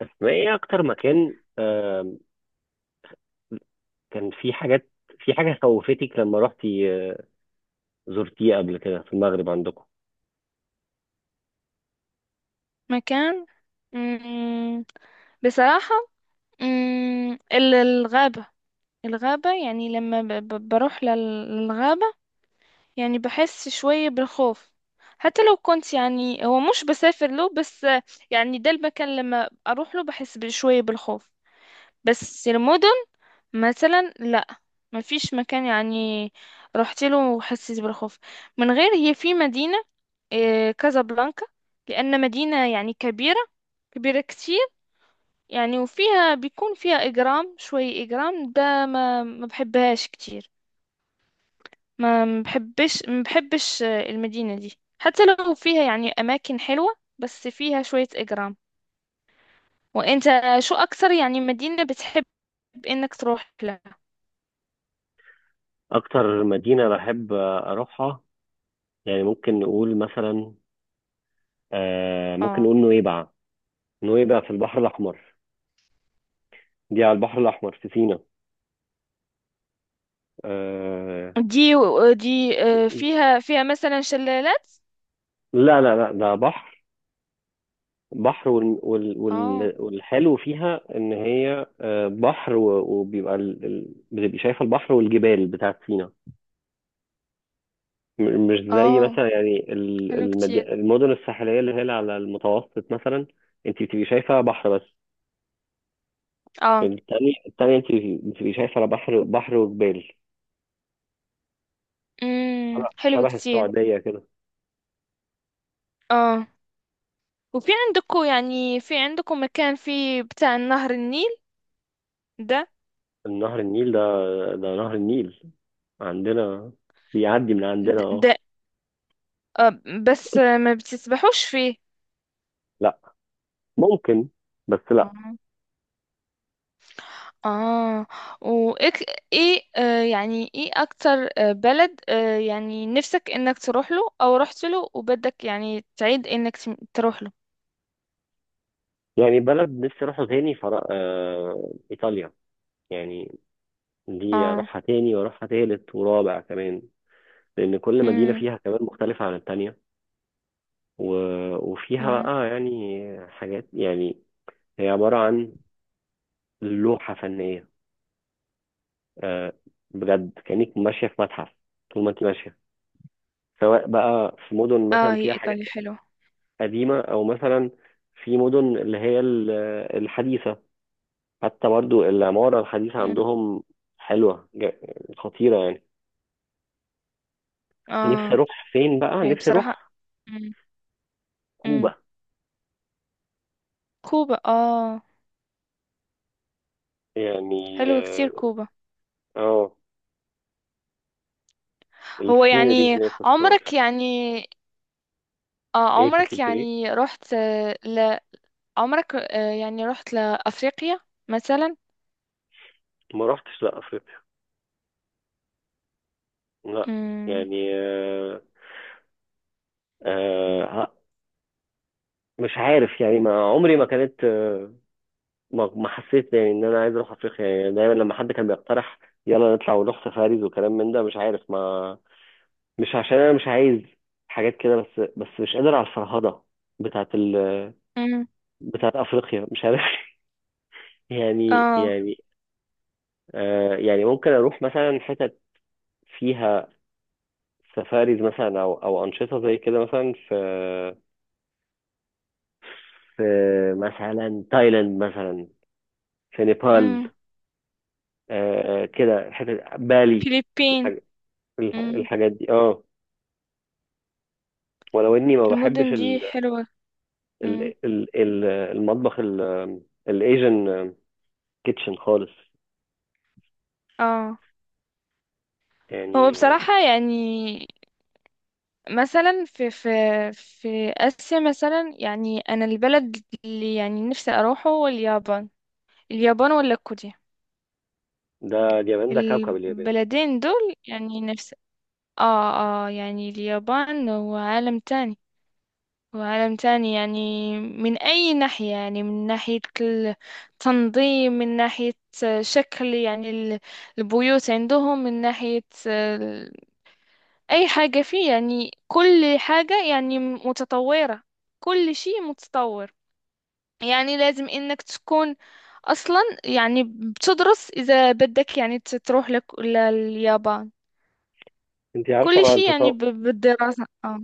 بس، ايه اكتر مكان، كان في حاجات، في حاجه خوفتك لما رحتي زرتيه قبل كده في المغرب عندكم؟ مكان. مم. بصراحة. الغابة. يعني لما بروح للغابة، يعني بحس شوية بالخوف. حتى لو كنت يعني هو مش بسافر له، بس يعني ده المكان لما أروح له بحس بشوية بالخوف. بس المدن مثلا لا، ما فيش مكان يعني رحت له وحسيت بالخوف من غير. هي في مدينة كازابلانكا، لأن مدينة يعني كبيرة، كبيرة كتير يعني، وفيها بيكون فيها إجرام. شوي إجرام ده ما بحبهاش كتير، ما بحبش. المدينة دي حتى لو فيها يعني أماكن حلوة، بس فيها شوية إجرام. وأنت، شو أكثر يعني مدينة بتحب إنك تروح لها؟ اكتر مدينه بحب اروحها، يعني ممكن نقول مثلا ممكن اه. نقول نويبع. نويبع في البحر الاحمر، دي على البحر الاحمر في سينا. آه، دي دي فيها مثلا شلالات. لا، ده بحر. بحر اه، والحلو فيها ان هي بحر وبيبقى بتبقي شايفه البحر والجبال بتاعت سينا. مش زي اه، مثلا يعني حلو كتير. المدن الساحليه اللي هي اللي على المتوسط مثلا. انت بتبقي شايفه بحر بس. اه، التاني، التاني انت بتبقي شايفه لا، بحر، بحر وجبال. شبه حلو شبه كتير. السعوديه كده. اه. وفي عندكم يعني في عندكم مكان فيه بتاع نهر النيل ده النهر النيل ده، ده نهر النيل عندنا، بيعدي من عندنا. ده, اه. ده آه بس ما بتسبحوش فيه. لا، ممكن، بس لا. اه، آه. وايه؟ يعني ايه اكتر بلد يعني نفسك انك تروح له او رحت له، وبدك يعني تعيد انك تروح له؟ يعني بلد نفسي اروحها تاني، ايطاليا. يعني دي اه، اروحها تاني واروحها تالت ورابع كمان، لان كل مدينه امم فيها كمان مختلفه عن التانيه. وفيها اه، بقى يعني حاجات، يعني هي عبارة عن لوحة فنية. آه، بجد كأنك ماشية في متحف طول ما انت ماشية، سواء بقى في مدن اه، مثلا هي فيها حاجات ايطاليا حلوة. قديمة، أو مثلا في مدن اللي هي الحديثة. حتى برضو العمارة الحديثة مم. عندهم حلوة، خطيرة يعني. نفسي اه، أروح فين؟ بقى هي نفسي بصراحة أروح مم. مم. كوبا. كوبا. اه، يعني حلوة كتير اه، كوبا. آه، هو السينري يعني هناك، عمرك الصور. يعني، اه، ايه، كنت عمرك بتقول ايه؟ يعني رحت، عمرك يعني رحت لأفريقيا مثلا؟ ما رحتش لا افريقيا، لا. امم يعني آه، آه ه- مش عارف يعني، ما عمري ما كانت ما حسيت يعني ان انا عايز اروح افريقيا. يعني دايما لما حد كان بيقترح يلا نطلع ونروح سفاريز وكلام من ده، مش عارف، ما، مش عشان انا مش عايز حاجات كده، بس مش قادر على الفرهدة بتاعت ال، امم بتاعت افريقيا، مش عارف. يعني اه، يعني آه، يعني ممكن اروح مثلا حتت فيها سفاريز مثلا، او انشطه زي كده، مثلا في في مثلا تايلاند، مثلا في نيبال. امم آه كده، حتة بالي، فiliبين، الحاج... امم الحاجات دي اه. ولو اني ما بحبش المدن دي حلوة. امم المطبخ الايجن كيتشن خالص، اه. هو يعني بصراحة يعني، مثلا في في آسيا مثلا يعني، أنا البلد اللي يعني نفسي أروحه هو اليابان. اليابان ولا كوريا؟ ده اليابان، ده كوكب اليابان. البلدين دول يعني نفسي. اه، اه، يعني اليابان هو عالم تاني. وعالم تاني يعني من أي ناحية، يعني من ناحية التنظيم، من ناحية شكل يعني البيوت عندهم، من ناحية أي حاجة فيه. يعني كل حاجة يعني متطورة، كل شيء متطور. يعني لازم إنك تكون أصلا يعني بتدرس إذا بدك يعني تروح لك لليابان، انت عارفه كل مع شيء يعني التطور. بالدراسة آه.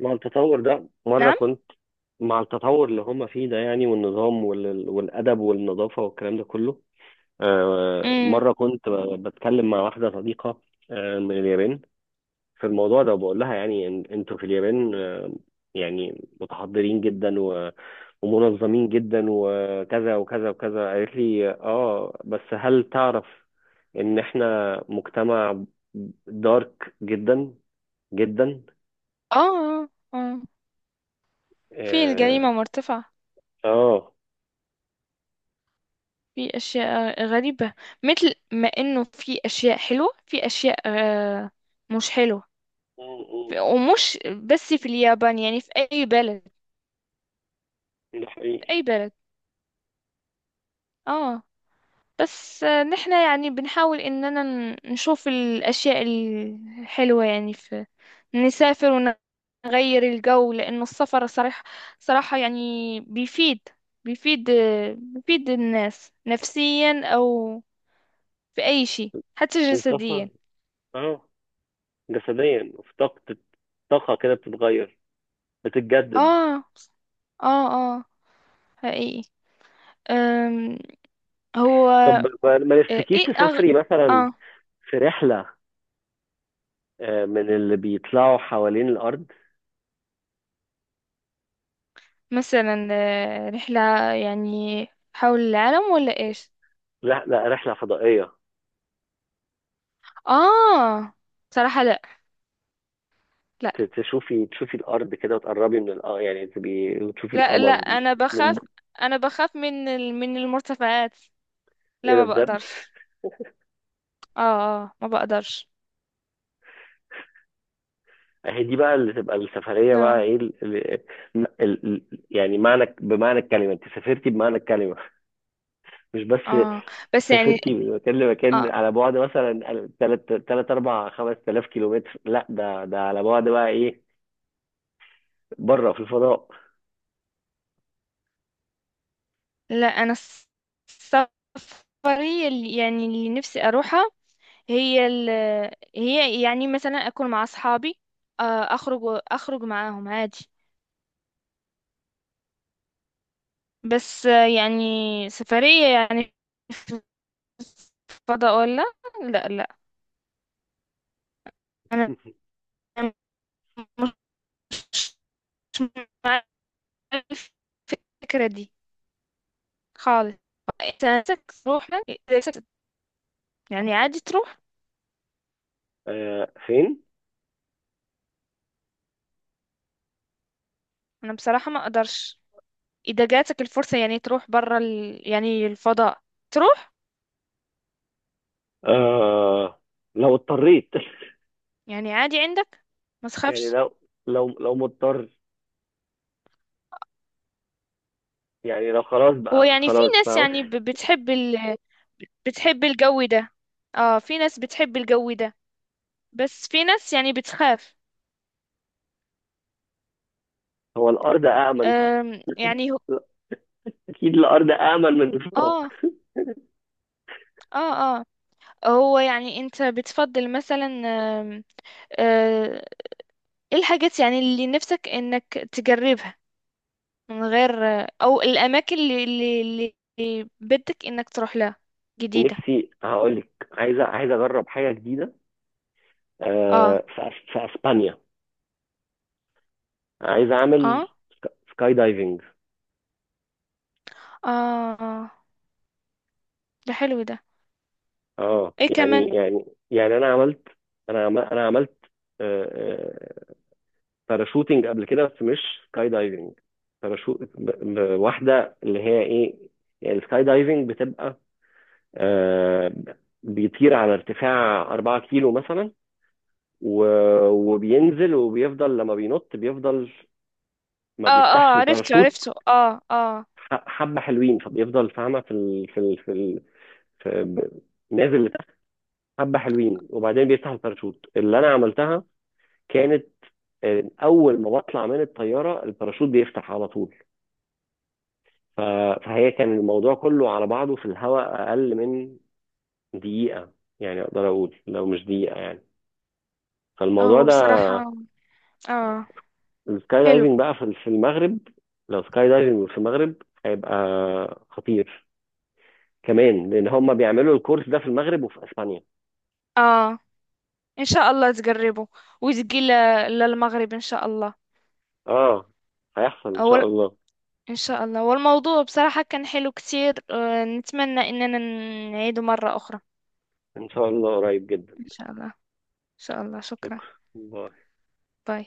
مع التطور ده، مره نعم. كنت، مع التطور اللي هم فيه ده يعني، والنظام والادب والنظافه والكلام ده كله. أمم مرة كنت بتكلم مع واحدة صديقة من اليابان في الموضوع ده. بقول لها يعني انتوا في اليابان يعني متحضرين جدا ومنظمين جدا، وكذا وكذا وكذا. قالت لي اه، بس هل تعرف ان احنا مجتمع دارك جدا، جدا. آه، آه. في اه. الجريمة مرتفعة، آه. في أشياء غريبة. مثل ما إنه في أشياء حلوة، في أشياء مش حلوة، م- ومش. بس في اليابان يعني، في أي بلد، م. ده في حقيقي. أي بلد آه، بس نحن يعني بنحاول إننا نشوف الأشياء الحلوة يعني، في نسافر ونغير الجو، لأنه السفر صراحة، صراحة يعني بيفيد، بيفيد بيفيد الناس نفسيا، أو في أي شيء حتى الطاقة، جسديا. اه، جسديا في طاقة. طاقة كده بتتغير، بتتجدد. آه، آه، آه، حقيقي. أم، هو طب ما نفسكيش ايه تسافري مثلا اه، في رحلة من اللي بيطلعوا حوالين الارض؟ مثلا رحلة يعني حول العالم ولا ايش؟ رحله فضائيه. اه، صراحة لا، لا، تشوفي، الارض كده وتقربي من يعني تبقي تشوفي لا، لا، القمر من... انا بخاف من من المرتفعات. لا، ايه ده، ما بجد. بقدرش. اه، اه، ما بقدرش. اهي دي بقى اللي تبقى السفريه لا. بقى، ايه يعني معنى، بمعنى الكلمه، انت سافرتي بمعنى الكلمه، مش بس اه، بس يعني، سافرتي من مكان لمكان اه، على بعد مثلا 3 4 5000 كيلومتر. لا، ده ده على بعد بقى ايه، بره في الفضاء. لا، انا السفرية اللي يعني، اللي نفسي اروحها هي ال هي يعني مثلا اكل مع اصحابي، آه، اخرج، اخرج معاهم عادي. بس يعني، سفرية يعني فضاء ولا؟ لا، لا، انا مش مع الفكرة دي خالص. انت نفسك تروح؟ إذا نفسك- يعني عادي تروح؟ آه فين؟ انا بصراحة ما اقدرش. اذا جاتك الفرصة يعني تروح برا يعني الفضاء، تروح آه، لو اضطريت. يعني عادي، عندك ما يعني تخافش. لو، لو مضطر يعني، لو خلاص هو بقى، يعني في خلاص ناس فاهم. يعني بتحب، الجو ده. اه، في ناس بتحب الجو ده، بس في ناس يعني بتخاف. هو الارض امن؟ يعني هو، لا، اكيد الارض امن من الفضاء. اه، اه، اه. هو يعني انت بتفضل مثلا، آه، ايه الحاجات يعني اللي نفسك انك تجربها من غير، او الاماكن اللي بدك انك تروح لها جديدة؟ نفسي هقول لك، عايز، عايز اجرب حاجه جديده اه، في في اسبانيا. عايز اه، اعمل سكاي دايفنج. اه، آه. ده حلو ده. اه ايه يعني، كمان؟ يعني انا عملت، انا عملت آه، آه، باراشوتنج قبل كده، بس مش سكاي دايفنج. باراشوت واحده، اللي هي ايه، يعني السكاي دايفنج بتبقى آه، بيطير على ارتفاع 4 كيلو مثلا، وبينزل وبيفضل لما بينط، بيفضل ما اه، اه، بيفتحش عرفته الباراشوت عرفته، اه، اه. حبة حلوين. فبيفضل فاهمة في ال... في ال... في, ال... في... ب- نازل لتحت حبة حلوين، وبعدين بيفتح الباراشوت. اللي أنا عملتها كانت أول ما بطلع من الطيارة الباراشوت بيفتح على طول. ف... فهي، كان الموضوع كله على بعضه في الهواء أقل من دقيقة. يعني أقدر أقول لو مش دقيقة يعني. فالموضوع هو ده، بصراحة. اه، السكاي حلو. دايفنج بقى في المغرب، لو سكاي دايفنج في المغرب هيبقى خطير كمان، لان هم بيعملوا الكورس ده في المغرب وفي اسبانيا. اه، ان شاء الله تقربوا وتجي للمغرب ان شاء الله. اه. هيحصل ان شاء اول الله، ان شاء الله، والموضوع بصراحة كان حلو كتير، نتمنى اننا نعيده مرة اخرى ان شاء الله قريب جدا. ان شاء الله. ان شاء الله. شكرا. شكرا. باي.